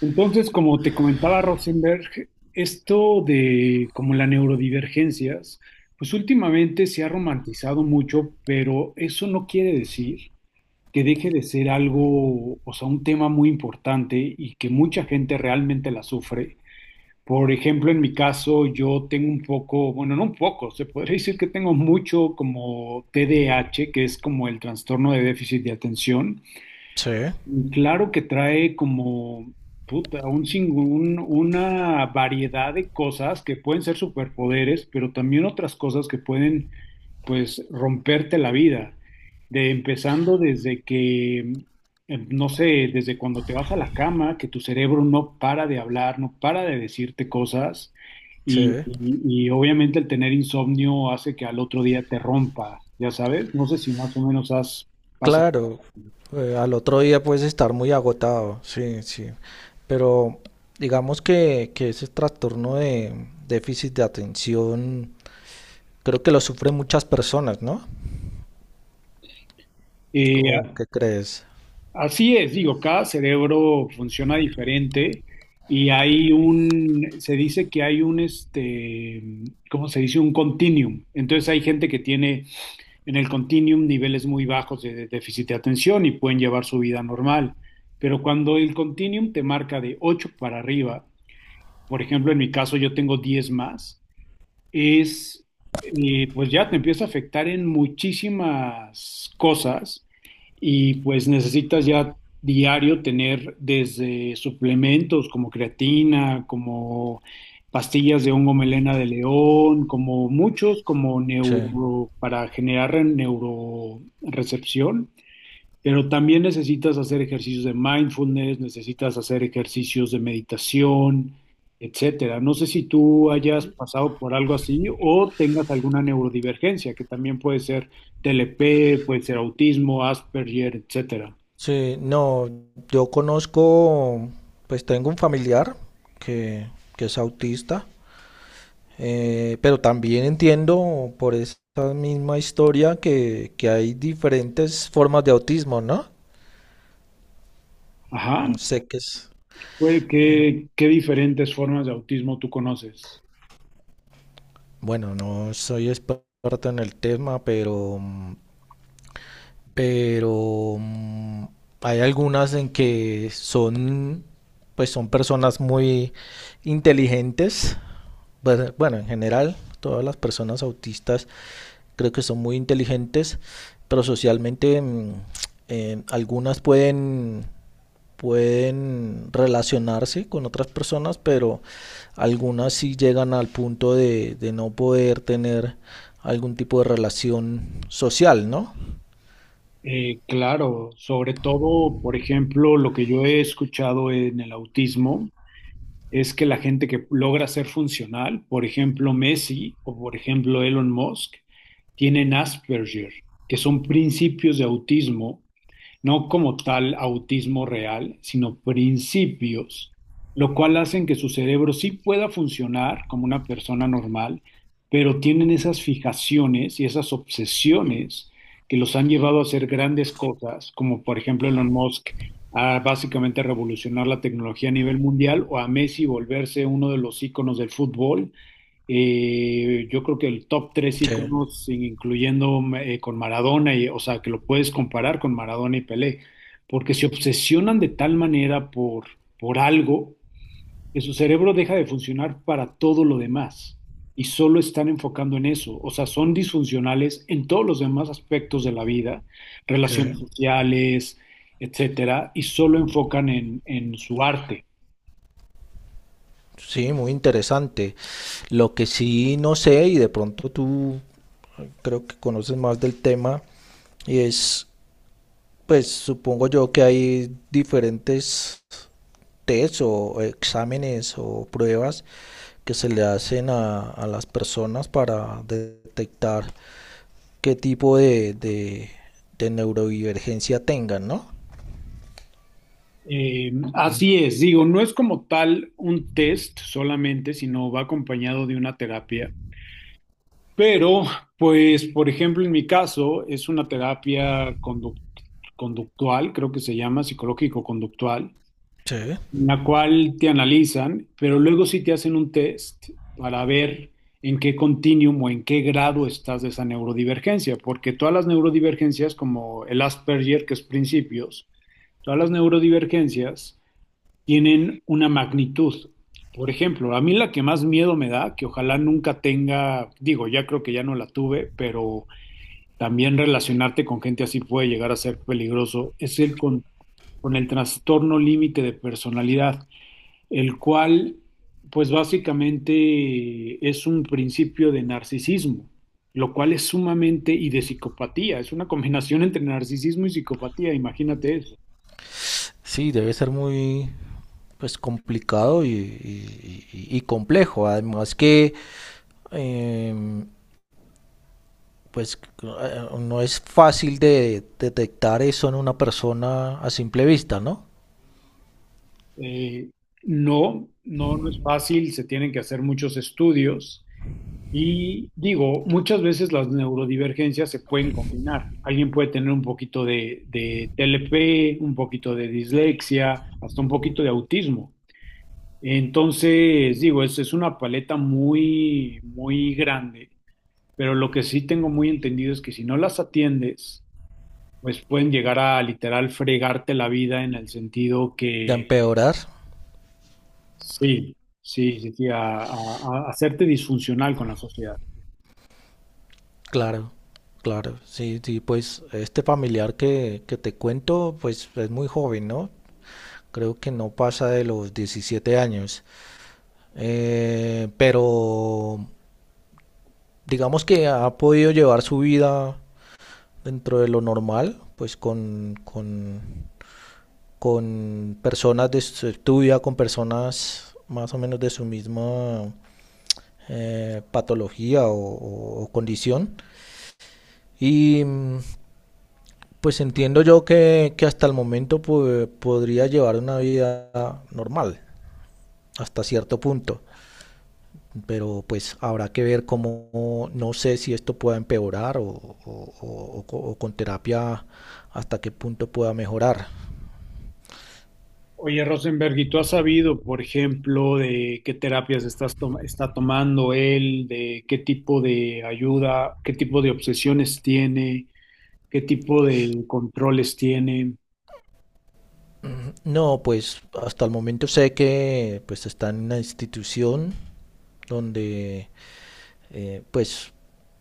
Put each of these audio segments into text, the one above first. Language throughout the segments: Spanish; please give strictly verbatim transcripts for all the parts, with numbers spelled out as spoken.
Entonces, como te comentaba Rosenberg, esto de como las neurodivergencias, pues últimamente se ha romantizado mucho, pero eso no quiere decir que deje de ser algo, o sea, un tema muy importante y que mucha gente realmente la sufre. Por ejemplo, en mi caso, yo tengo un poco, bueno, no un poco, se podría decir que tengo mucho como T D A H, que es como el trastorno de déficit de atención. Sí, Mm, Claro que trae como puta, un, sin- un- una variedad de cosas que pueden ser superpoderes, pero también otras cosas que pueden, pues, romperte la vida. De empezando desde que, eh, no sé, desde cuando te vas a la cama, que tu cerebro no para de hablar, no para de decirte cosas, sí, y, y y obviamente el tener insomnio hace que al otro día te rompa, ya sabes, no sé si más o menos has pasado. claro. Eh, al otro día puedes estar muy agotado, sí, sí. Pero digamos que, que ese trastorno de déficit de atención creo que lo sufren muchas personas, ¿no? ¿O eh, qué crees? Así es, digo, cada cerebro funciona diferente y hay un, se dice que hay un, este, ¿cómo se dice? Un continuum. Entonces hay gente que tiene en el continuum niveles muy bajos de, de déficit de atención y pueden llevar su vida normal. Pero cuando el continuum te marca de ocho para arriba, por ejemplo, en mi caso yo tengo diez más, es, eh, pues ya te empieza a afectar en muchísimas cosas y pues necesitas ya diario tener desde suplementos como creatina, como pastillas de hongo melena de león, como muchos, como Sí. neuro, para generar neurorecepción, pero también necesitas hacer ejercicios de mindfulness, necesitas hacer ejercicios de meditación, etcétera. No sé si tú hayas pasado por algo así o tengas alguna neurodivergencia, que también puede ser T L P, puede ser autismo, Asperger, etcétera. Sí, no, yo conozco, pues tengo un familiar que, que es autista, eh, pero también entiendo por esa misma historia que, que hay diferentes formas de autismo, ¿no? Ajá. Mm, Sé que es, Pues, eh, ¿qué, qué diferentes formas de autismo tú conoces? bueno, no soy experto en el tema, pero, mm, pero mm, hay algunas en que son, pues son personas muy inteligentes. Bueno, bueno, en general, todas las personas autistas creo que son muy inteligentes, pero socialmente mm, eh, algunas pueden pueden relacionarse con otras personas, pero algunas sí llegan al punto de, de no poder tener algún tipo de relación social, ¿no? Eh, claro, sobre todo, por ejemplo, lo que yo he escuchado en el autismo es que la gente que logra ser funcional, por ejemplo Messi o por ejemplo Elon Musk, tienen Asperger, que son principios de autismo, no como tal autismo real, sino principios, lo cual hacen que su cerebro sí pueda funcionar como una persona normal, pero tienen esas fijaciones y esas obsesiones que los han llevado a hacer grandes cosas, como por ejemplo Elon Musk a básicamente revolucionar la tecnología a nivel mundial, o a Messi volverse uno de los íconos del fútbol. Eh, yo creo que el top tres Sí, íconos, sin- incluyendo eh, con Maradona, y, o sea, que lo puedes comparar con Maradona y Pelé, porque se obsesionan de tal manera por, por algo que su cerebro deja de funcionar para todo lo demás y solo están enfocando en eso. O sea, son disfuncionales en todos los demás aspectos de la vida, sí. relaciones sociales, etcétera, y solo enfocan en, en su arte. Sí, muy interesante. Lo que sí no sé, y de pronto tú creo que conoces más del tema, y es, pues supongo yo que hay diferentes test o exámenes o pruebas que se le hacen a, a las personas para detectar qué tipo de, de, de neurodivergencia tengan, ¿no? Eh, así es, digo, no es como tal un test solamente, sino va acompañado de una terapia. Pero, pues, por ejemplo, en mi caso, es una terapia conduct- conductual, creo que se llama psicológico-conductual, Sí. en la cual te analizan, pero luego sí te hacen un test para ver en qué continuum o en qué grado estás de esa neurodivergencia, porque todas las neurodivergencias, como el Asperger, que es principios, todas las neurodivergencias tienen una magnitud. Por ejemplo, a mí la que más miedo me da, que ojalá nunca tenga, digo, ya creo que ya no la tuve, pero también relacionarte con gente así puede llegar a ser peligroso, es el con, con el trastorno límite de personalidad, el cual, pues básicamente es un principio de narcisismo, lo cual es sumamente, y de psicopatía, es una combinación entre narcisismo y psicopatía, imagínate eso. Sí, debe ser muy pues complicado y, y- y- y complejo. Además que eh, pues eh, no es fácil de detectar eso en una persona a simple vista, ¿no? Eh, no, no, no es fácil, se tienen que hacer muchos estudios, y digo, muchas veces las neurodivergencias se pueden combinar. Alguien puede tener un poquito de, de T L P, un poquito de dislexia, hasta un poquito de autismo. Entonces, digo, es, es una paleta muy, muy grande, pero lo que sí tengo muy entendido es que si no las atiendes, pues pueden llegar a literal fregarte la vida en el sentido De que... empeorar, Sí, sí, sí, sí, a, a- a hacerte disfuncional con la sociedad. claro, claro. Sí, sí, pues este familiar que, que te cuento, pues es muy joven, ¿no? Creo que no pasa de los diecisiete años. Eh, pero digamos que ha podido llevar su vida dentro de lo normal, pues con, con, con personas de su estudia, con personas más o menos de su misma eh, patología o, o- o condición. Y mm, pues entiendo yo que, que hasta el momento pues, podría llevar una vida normal, hasta cierto punto. Pero pues habrá que ver cómo, no sé si esto pueda empeorar o, o- o- o- con terapia hasta qué punto pueda mejorar. Oye, Rosenberg, ¿y tú has sabido, por ejemplo, de qué terapias estás tom- está tomando él, de qué tipo de ayuda, qué tipo de obsesiones tiene, qué tipo de controles tiene? No, pues hasta el momento sé que pues está en una institución donde eh, pues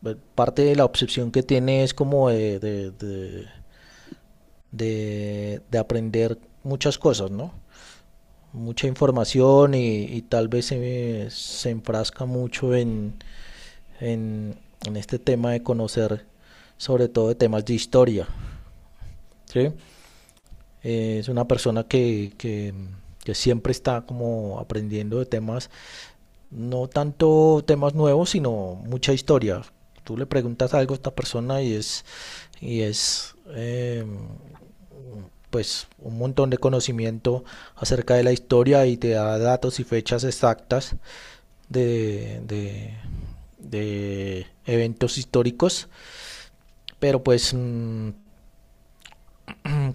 eh, parte de la obsesión que tiene es como de, de, de, de- de aprender muchas cosas, ¿no? Mucha información y, y tal vez se, se enfrasca mucho en en, en este tema de conocer, sobre todo de temas de historia. ¿Sí? Eh, es una persona que, que, que siempre está como aprendiendo de temas, no tanto temas nuevos, sino mucha historia. Tú le preguntas algo a esta persona y es, y es eh, pues un montón de conocimiento acerca de la historia y te da datos y fechas exactas de, de, de eventos históricos, pero pues mmm,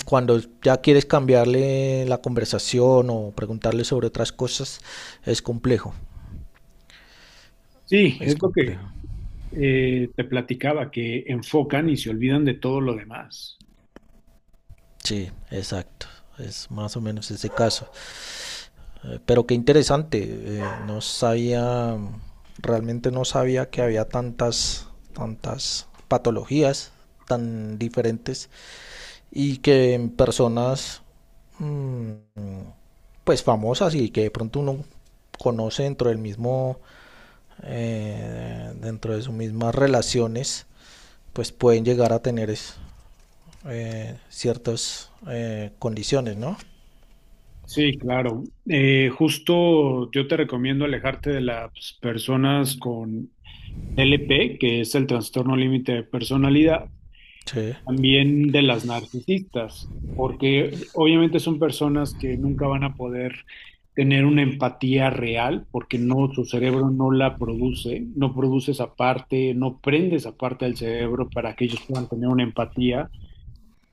cuando ya quieres cambiarle la conversación o preguntarle sobre otras cosas, es complejo, Sí, es es lo complejo. que eh, te platicaba, que enfocan y se olvidan de todo lo demás. Sí, exacto. Es más o menos ese caso. Eh, pero qué interesante. Eh, no sabía, realmente no sabía que había tantas, tantas patologías tan diferentes, y que en personas mm, pues famosas y que de pronto uno conoce dentro del mismo eh, dentro de sus mismas relaciones, pues pueden llegar a tener eh, ciertas eh, condiciones, ¿no? Sí, claro. Eh, justo yo te recomiendo alejarte de las personas con T L P, que es el trastorno límite de personalidad, Sí. también de las narcisistas, porque obviamente son personas que nunca van a poder tener una empatía real, porque no, su cerebro no la produce, no produce esa parte, no prende esa parte del cerebro para que ellos puedan tener una empatía,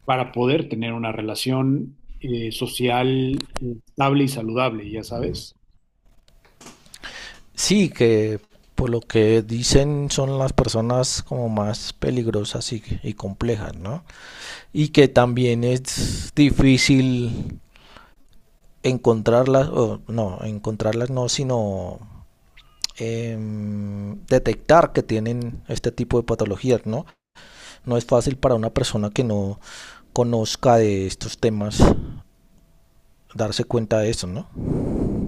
para poder tener una relación eh, social estable y saludable, ya sabes. Sí, que por lo que dicen son las personas como más peligrosas y, y complejas, ¿no? Y que también es difícil encontrarlas, o no, encontrarlas no, sino eh, detectar que tienen este tipo de patologías, ¿no? No es fácil para una persona que no conozca de estos temas darse cuenta de eso, ¿no?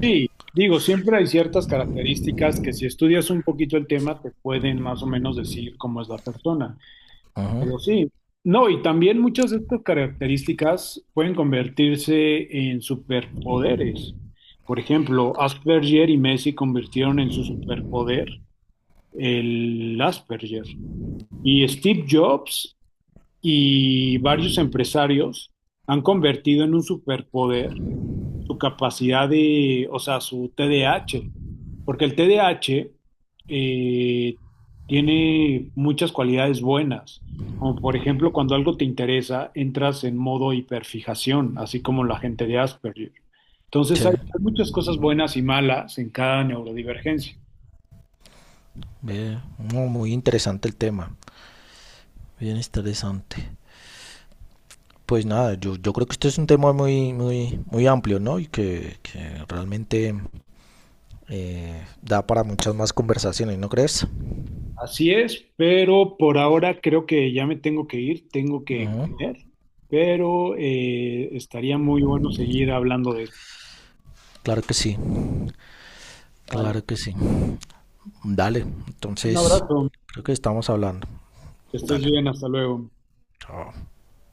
Sí, digo, siempre hay ciertas características que si estudias un poquito el tema te pueden más o menos decir cómo es la persona. Ajá. Pero sí, no, y también muchas de estas características pueden convertirse en superpoderes. Por ejemplo, Asperger y Messi convirtieron en su superpoder el Asperger. Y Steve Jobs y varios empresarios han convertido en un superpoder su capacidad de, o sea, su T D A H. Porque el T D A H eh, tiene muchas cualidades buenas, como por ejemplo cuando algo te interesa, entras en modo hiperfijación, así como la gente de Asperger. Entonces hay, Sí, hay muchas cosas buenas y malas en cada neurodivergencia. ve, no, muy interesante el tema, bien interesante. Pues nada, yo, yo creo que este es un tema muy, muy, muy amplio, ¿no? Y que, que realmente eh, da para muchas más conversaciones, ¿no crees? Así es, pero por ahora creo que ya me tengo que ir, tengo que Ajá. comer, pero eh, estaría muy bueno seguir hablando de esto. Claro que sí, Vale. claro que sí. Dale, Un entonces abrazo, creo que estamos hablando. que estés Dale, bien, hasta luego. chao.